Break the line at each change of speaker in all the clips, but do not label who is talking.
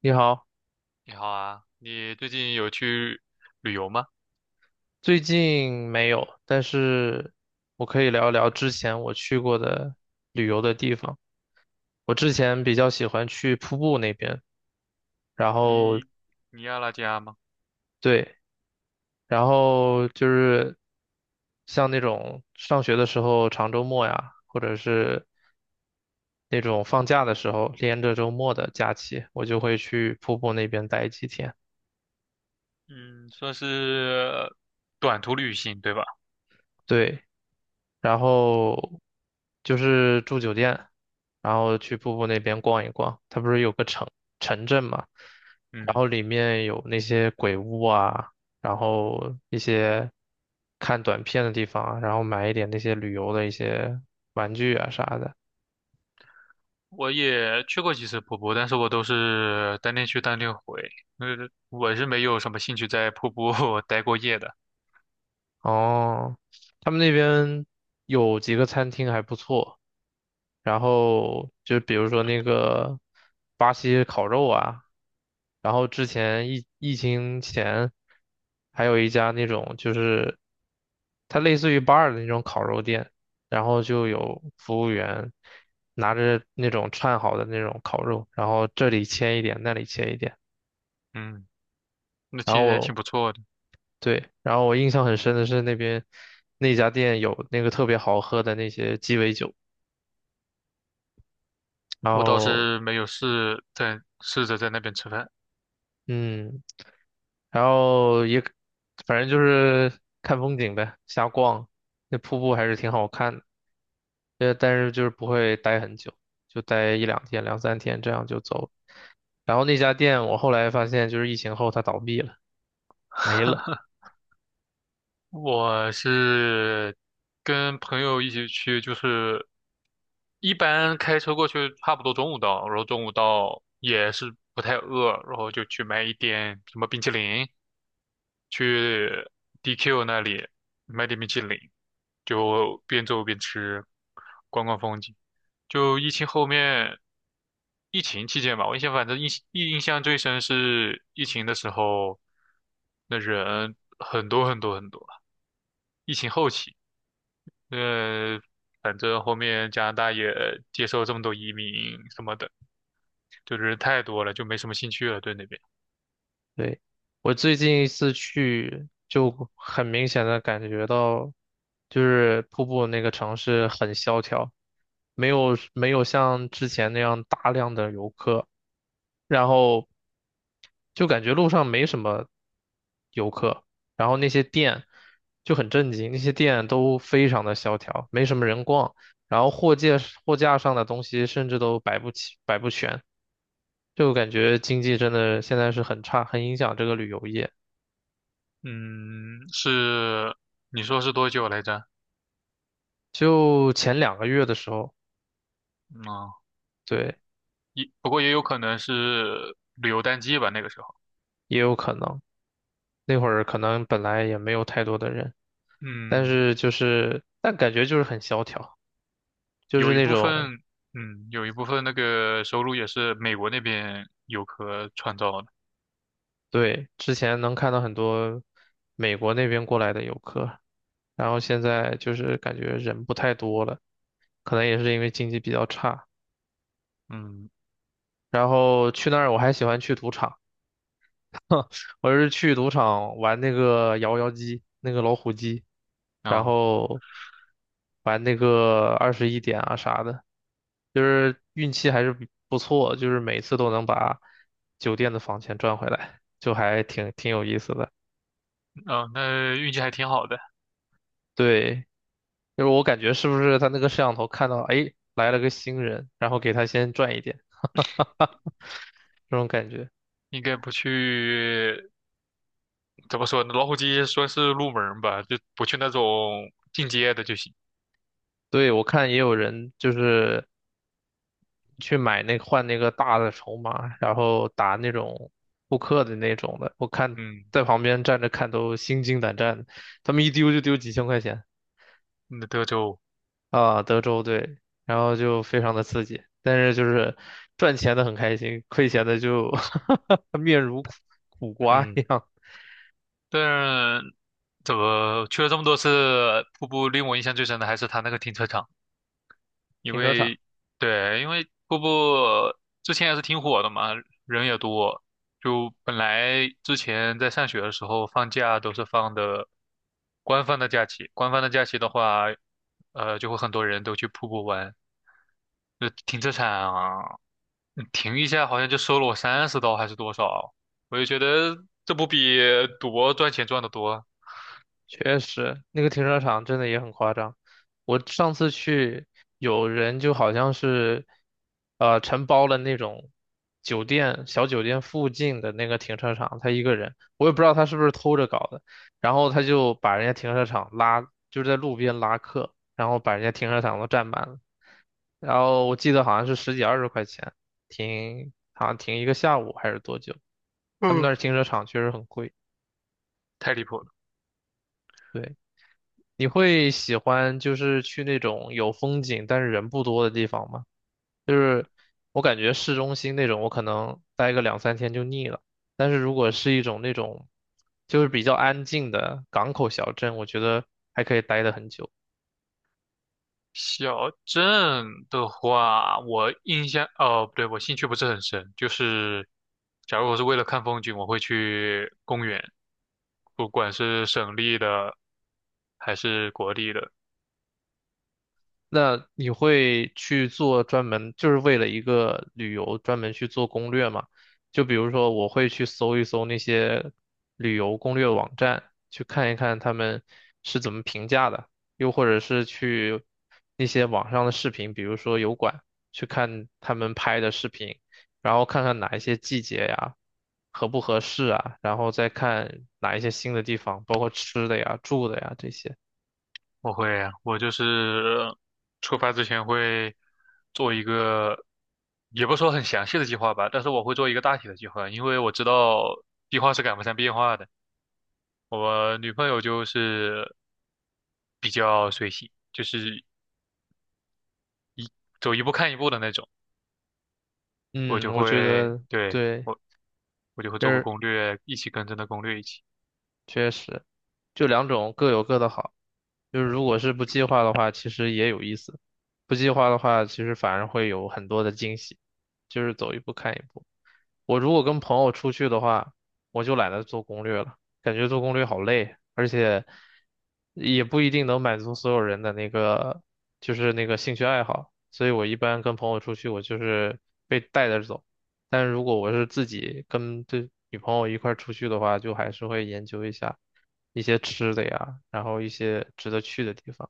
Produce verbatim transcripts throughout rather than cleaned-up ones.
你好。
你好啊，你最近有去旅游吗？
最近没有，但是我可以聊一聊之前我去过的旅游的地方。我之前比较喜欢去瀑布那边，然后
你尼亚拉加吗？
对。然后就是像那种上学的时候长周末呀，或者是那种放假的时候连着周末的假期，我就会去瀑布那边待几天。
嗯，算是短途旅行，对吧？
对，然后就是住酒店，然后去瀑布那边逛一逛。它不是有个城城镇嘛，然后
嗯，
里面有那些鬼屋啊，然后一些看短片的地方啊，然后买一点那些旅游的一些玩具啊啥的。
我也去过几次瀑布，但是我都是当天去当天回，呃，我是没有什么兴趣在瀑布 待过夜的。
哦，他们那边有几个餐厅还不错，然后就比如说那个巴西烤肉啊，然后之前疫疫情前还有一家那种就是它类似于 B A R 的那种烤肉店，然后就有服务员拿着那种串好的那种烤肉，然后这里切一点，那里切一点。
嗯，那其
然后
实还挺
我
不错的。
对，然后我印象很深的是那边那家店有那个特别好喝的那些鸡尾酒。然
我倒
后。
是没有试在试着在那边吃饭，
嗯，然后也反正就是看风景呗，瞎逛。那瀑布还是挺好看的，呃，但是就是不会待很久，就待一两天、两三天，这样就走了。然后那家店我后来发现，就是疫情后它倒闭了，没了。
我是跟朋友一起去，就是一般开车过去差不多中午到，然后中午到也是不太饿，然后就去买一点什么冰淇淋，去 D Q 那里买点冰淇淋，就边走边吃，逛逛风景。就疫情后面，疫情期间吧，我印象反正印印象最深是疫情的时候，那人很多很多很多。疫情后期，呃，反正后面加拿大也接受这么多移民什么的，就是太多了，就没什么兴趣了，对那边。
对，我最近一次去，就很明显的感觉到，就是瀑布那个城市很萧条，没有没有像之前那样大量的游客，然后就感觉路上没什么游客，然后那些店就很震惊，那些店都非常的萧条，没什么人逛，然后货架货架上的东西甚至都摆不起，摆不全。就感觉经济真的现在是很差，很影响这个旅游业。
嗯，是，你说是多久来着？
就前两个月的时候，
嗯，
对，
也不过也有可能是旅游淡季吧，那个时候。
也有可能，那会儿可能本来也没有太多的人，但
嗯，
是就是，但感觉就是很萧条，就
有
是
一
那
部
种。
分，嗯，有一部分那个收入也是美国那边游客创造的。
对，之前能看到很多美国那边过来的游客，然后现在就是感觉人不太多了，可能也是因为经济比较差。
嗯，
然后去那儿我还喜欢去赌场。我是去赌场玩那个摇摇机，那个老虎机，然
啊、
后玩那个二十一点啊啥的，就是运气还是比不错，就是每次都能把酒店的房钱赚回来，就还挺挺有意思的。
啊、那运气还挺好的，
对，就是我感觉是不是他那个摄像头看到，哎，来了个新人，然后给他先赚一点这种感觉。
应该不去怎么说呢？老虎机说是入门儿吧，就不去那种进阶的就行。
对，我看也有人就是去买那换那个大的筹码，然后打那种扑克的那种的，我看
嗯，
在旁边站着看都心惊胆战，他们一丢就丢几千块钱。
那德州，
啊，德州对，然后就非常的刺激，但是就是赚钱的很开心，亏钱的就 面如苦苦瓜一
嗯，
样。
但怎么去了这么多次瀑布，令我印象最深的还是它那个停车场，因
停车场。
为对，因为瀑布之前也是挺火的嘛，人也多。就本来之前在上学的时候放假都是放的官方的假期，官方的假期的话，呃，就会很多人都去瀑布玩，就停车场啊嗯停一下好像就收了我三十刀还是多少，我就觉得这不比赌博赚钱赚得多，
确实，那个停车场真的也很夸张。我上次去，有人就好像是，呃，承包了那种酒店小酒店附近的那个停车场，他一个人，我也不知道他是不是偷着搞的。然后他就把人家停车场拉，就是在路边拉客，然后把人家停车场都占满了。然后我记得好像是十几二十块钱停，好像停一个下午还是多久？他们那
嗯，
儿停车场确实很贵。
太离谱了。
对。你会喜欢就是去那种有风景但是人不多的地方吗？就是我感觉市中心那种，我可能待个两三天就腻了。但是如果是一种那种就是比较安静的港口小镇，我觉得还可以待得很久。
小镇的话，我印象，哦，不对，我兴趣不是很深，就是假如我是为了看风景，我会去公园，不管是省立的还是国立的。
那你会去做专门，就是为了一个旅游专门去做攻略吗？就比如说，我会去搜一搜那些旅游攻略网站，去看一看他们是怎么评价的，又或者是去那些网上的视频，比如说油管，去看他们拍的视频，然后看看哪一些季节呀，合不合适啊，然后再看哪一些新的地方，包括吃的呀、住的呀这些。
我会，我就是出发之前会做一个，也不说很详细的计划吧，但是我会做一个大体的计划，因为我知道计划是赶不上变化的。我女朋友就是比较随性，就是走一步看一步的那种，我就
嗯，我觉
会，
得
对，
对。
我我就会
就
做个
是
攻略，一起跟着那攻略一起。
确实，就两种各有各的好。就是如果是不计划的话，其实也有意思；不计划的话，其实反而会有很多的惊喜，就是走一步看一步。我如果跟朋友出去的话，我就懒得做攻略了，感觉做攻略好累，而且也不一定能满足所有人的那个，就是那个兴趣爱好。所以我一般跟朋友出去，我就是被带着走。但如果我是自己跟对女朋友一块儿出去的话，就还是会研究一下一些吃的呀，然后一些值得去的地方。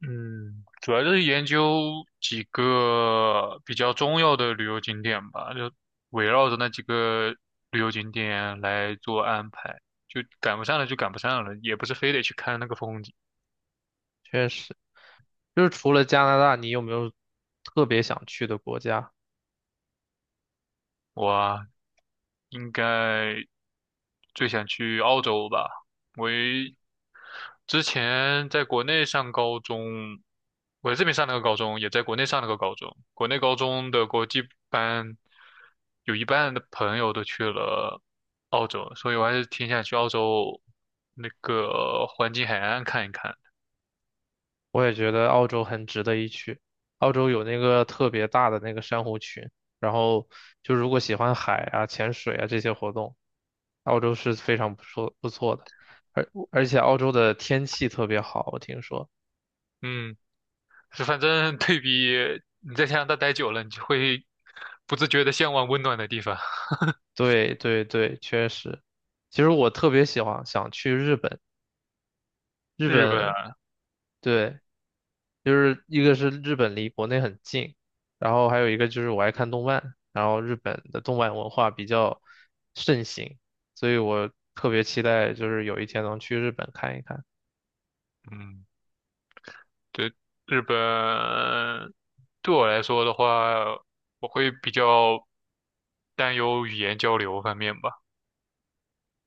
嗯，主要就是研究几个比较重要的旅游景点吧，就围绕着那几个旅游景点来做安排，就赶不上了就赶不上了，也不是非得去看那个风景。
确实，就是除了加拿大，你有没有特别想去的国家？
我啊应该最想去澳洲吧，我也之前在国内上高中，我在这边上了个高中，也在国内上了个高中。国内高中的国际班，有一半的朋友都去了澳洲，所以我还是挺想去澳洲那个黄金海岸看一看。
我也觉得澳洲很值得一去。澳洲有那个特别大的那个珊瑚群，然后就如果喜欢海啊、潜水啊这些活动，澳洲是非常不错不错的。而而且澳洲的天气特别好，我听说。
嗯，是反正对比你在加拿大待久了，你就会不自觉的向往温暖的地方。
对对对，确实。其实我特别喜欢想去日本，日
日本
本
啊
对。就是一个是日本离国内很近，然后还有一个就是我爱看动漫，然后日本的动漫文化比较盛行，所以我特别期待就是有一天能去日本看一看。
嗯，对，日本对我来说的话，我会比较。担忧语言交流方面吧。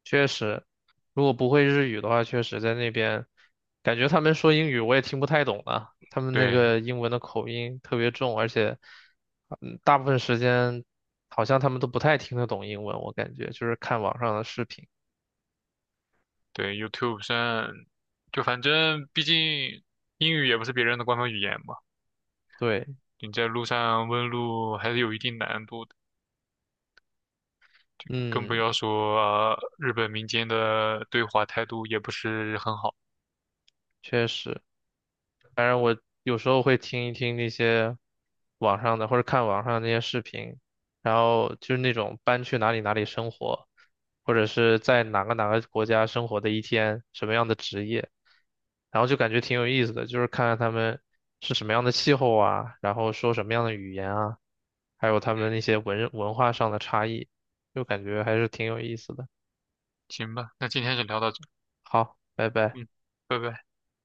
确实，如果不会日语的话，确实在那边感觉他们说英语我也听不太懂啊，他们那
对
个英文的口音特别重，而且嗯，大部分时间好像他们都不太听得懂英文，我感觉就是看网上的视频。
对，YouTube 上就反正毕竟英语也不是别人的官方语言嘛，
对，
你在路上问路还是有一定难度的，更不
嗯，
要说，呃日本民间的对华态度也不是很好。
确实。反正我有时候会听一听那些网上的，或者看网上那些视频，然后就是那种搬去哪里哪里生活，或者是在哪个哪个国家生活的一天，什么样的职业，然后就感觉挺有意思的，就是看看他们是什么样的气候啊，然后说什么样的语言啊，还有他们那
嗯，
些文文化上的差异，就感觉还是挺有意思的。
行吧，那今天就聊到这，
好，拜拜。
嗯，拜拜。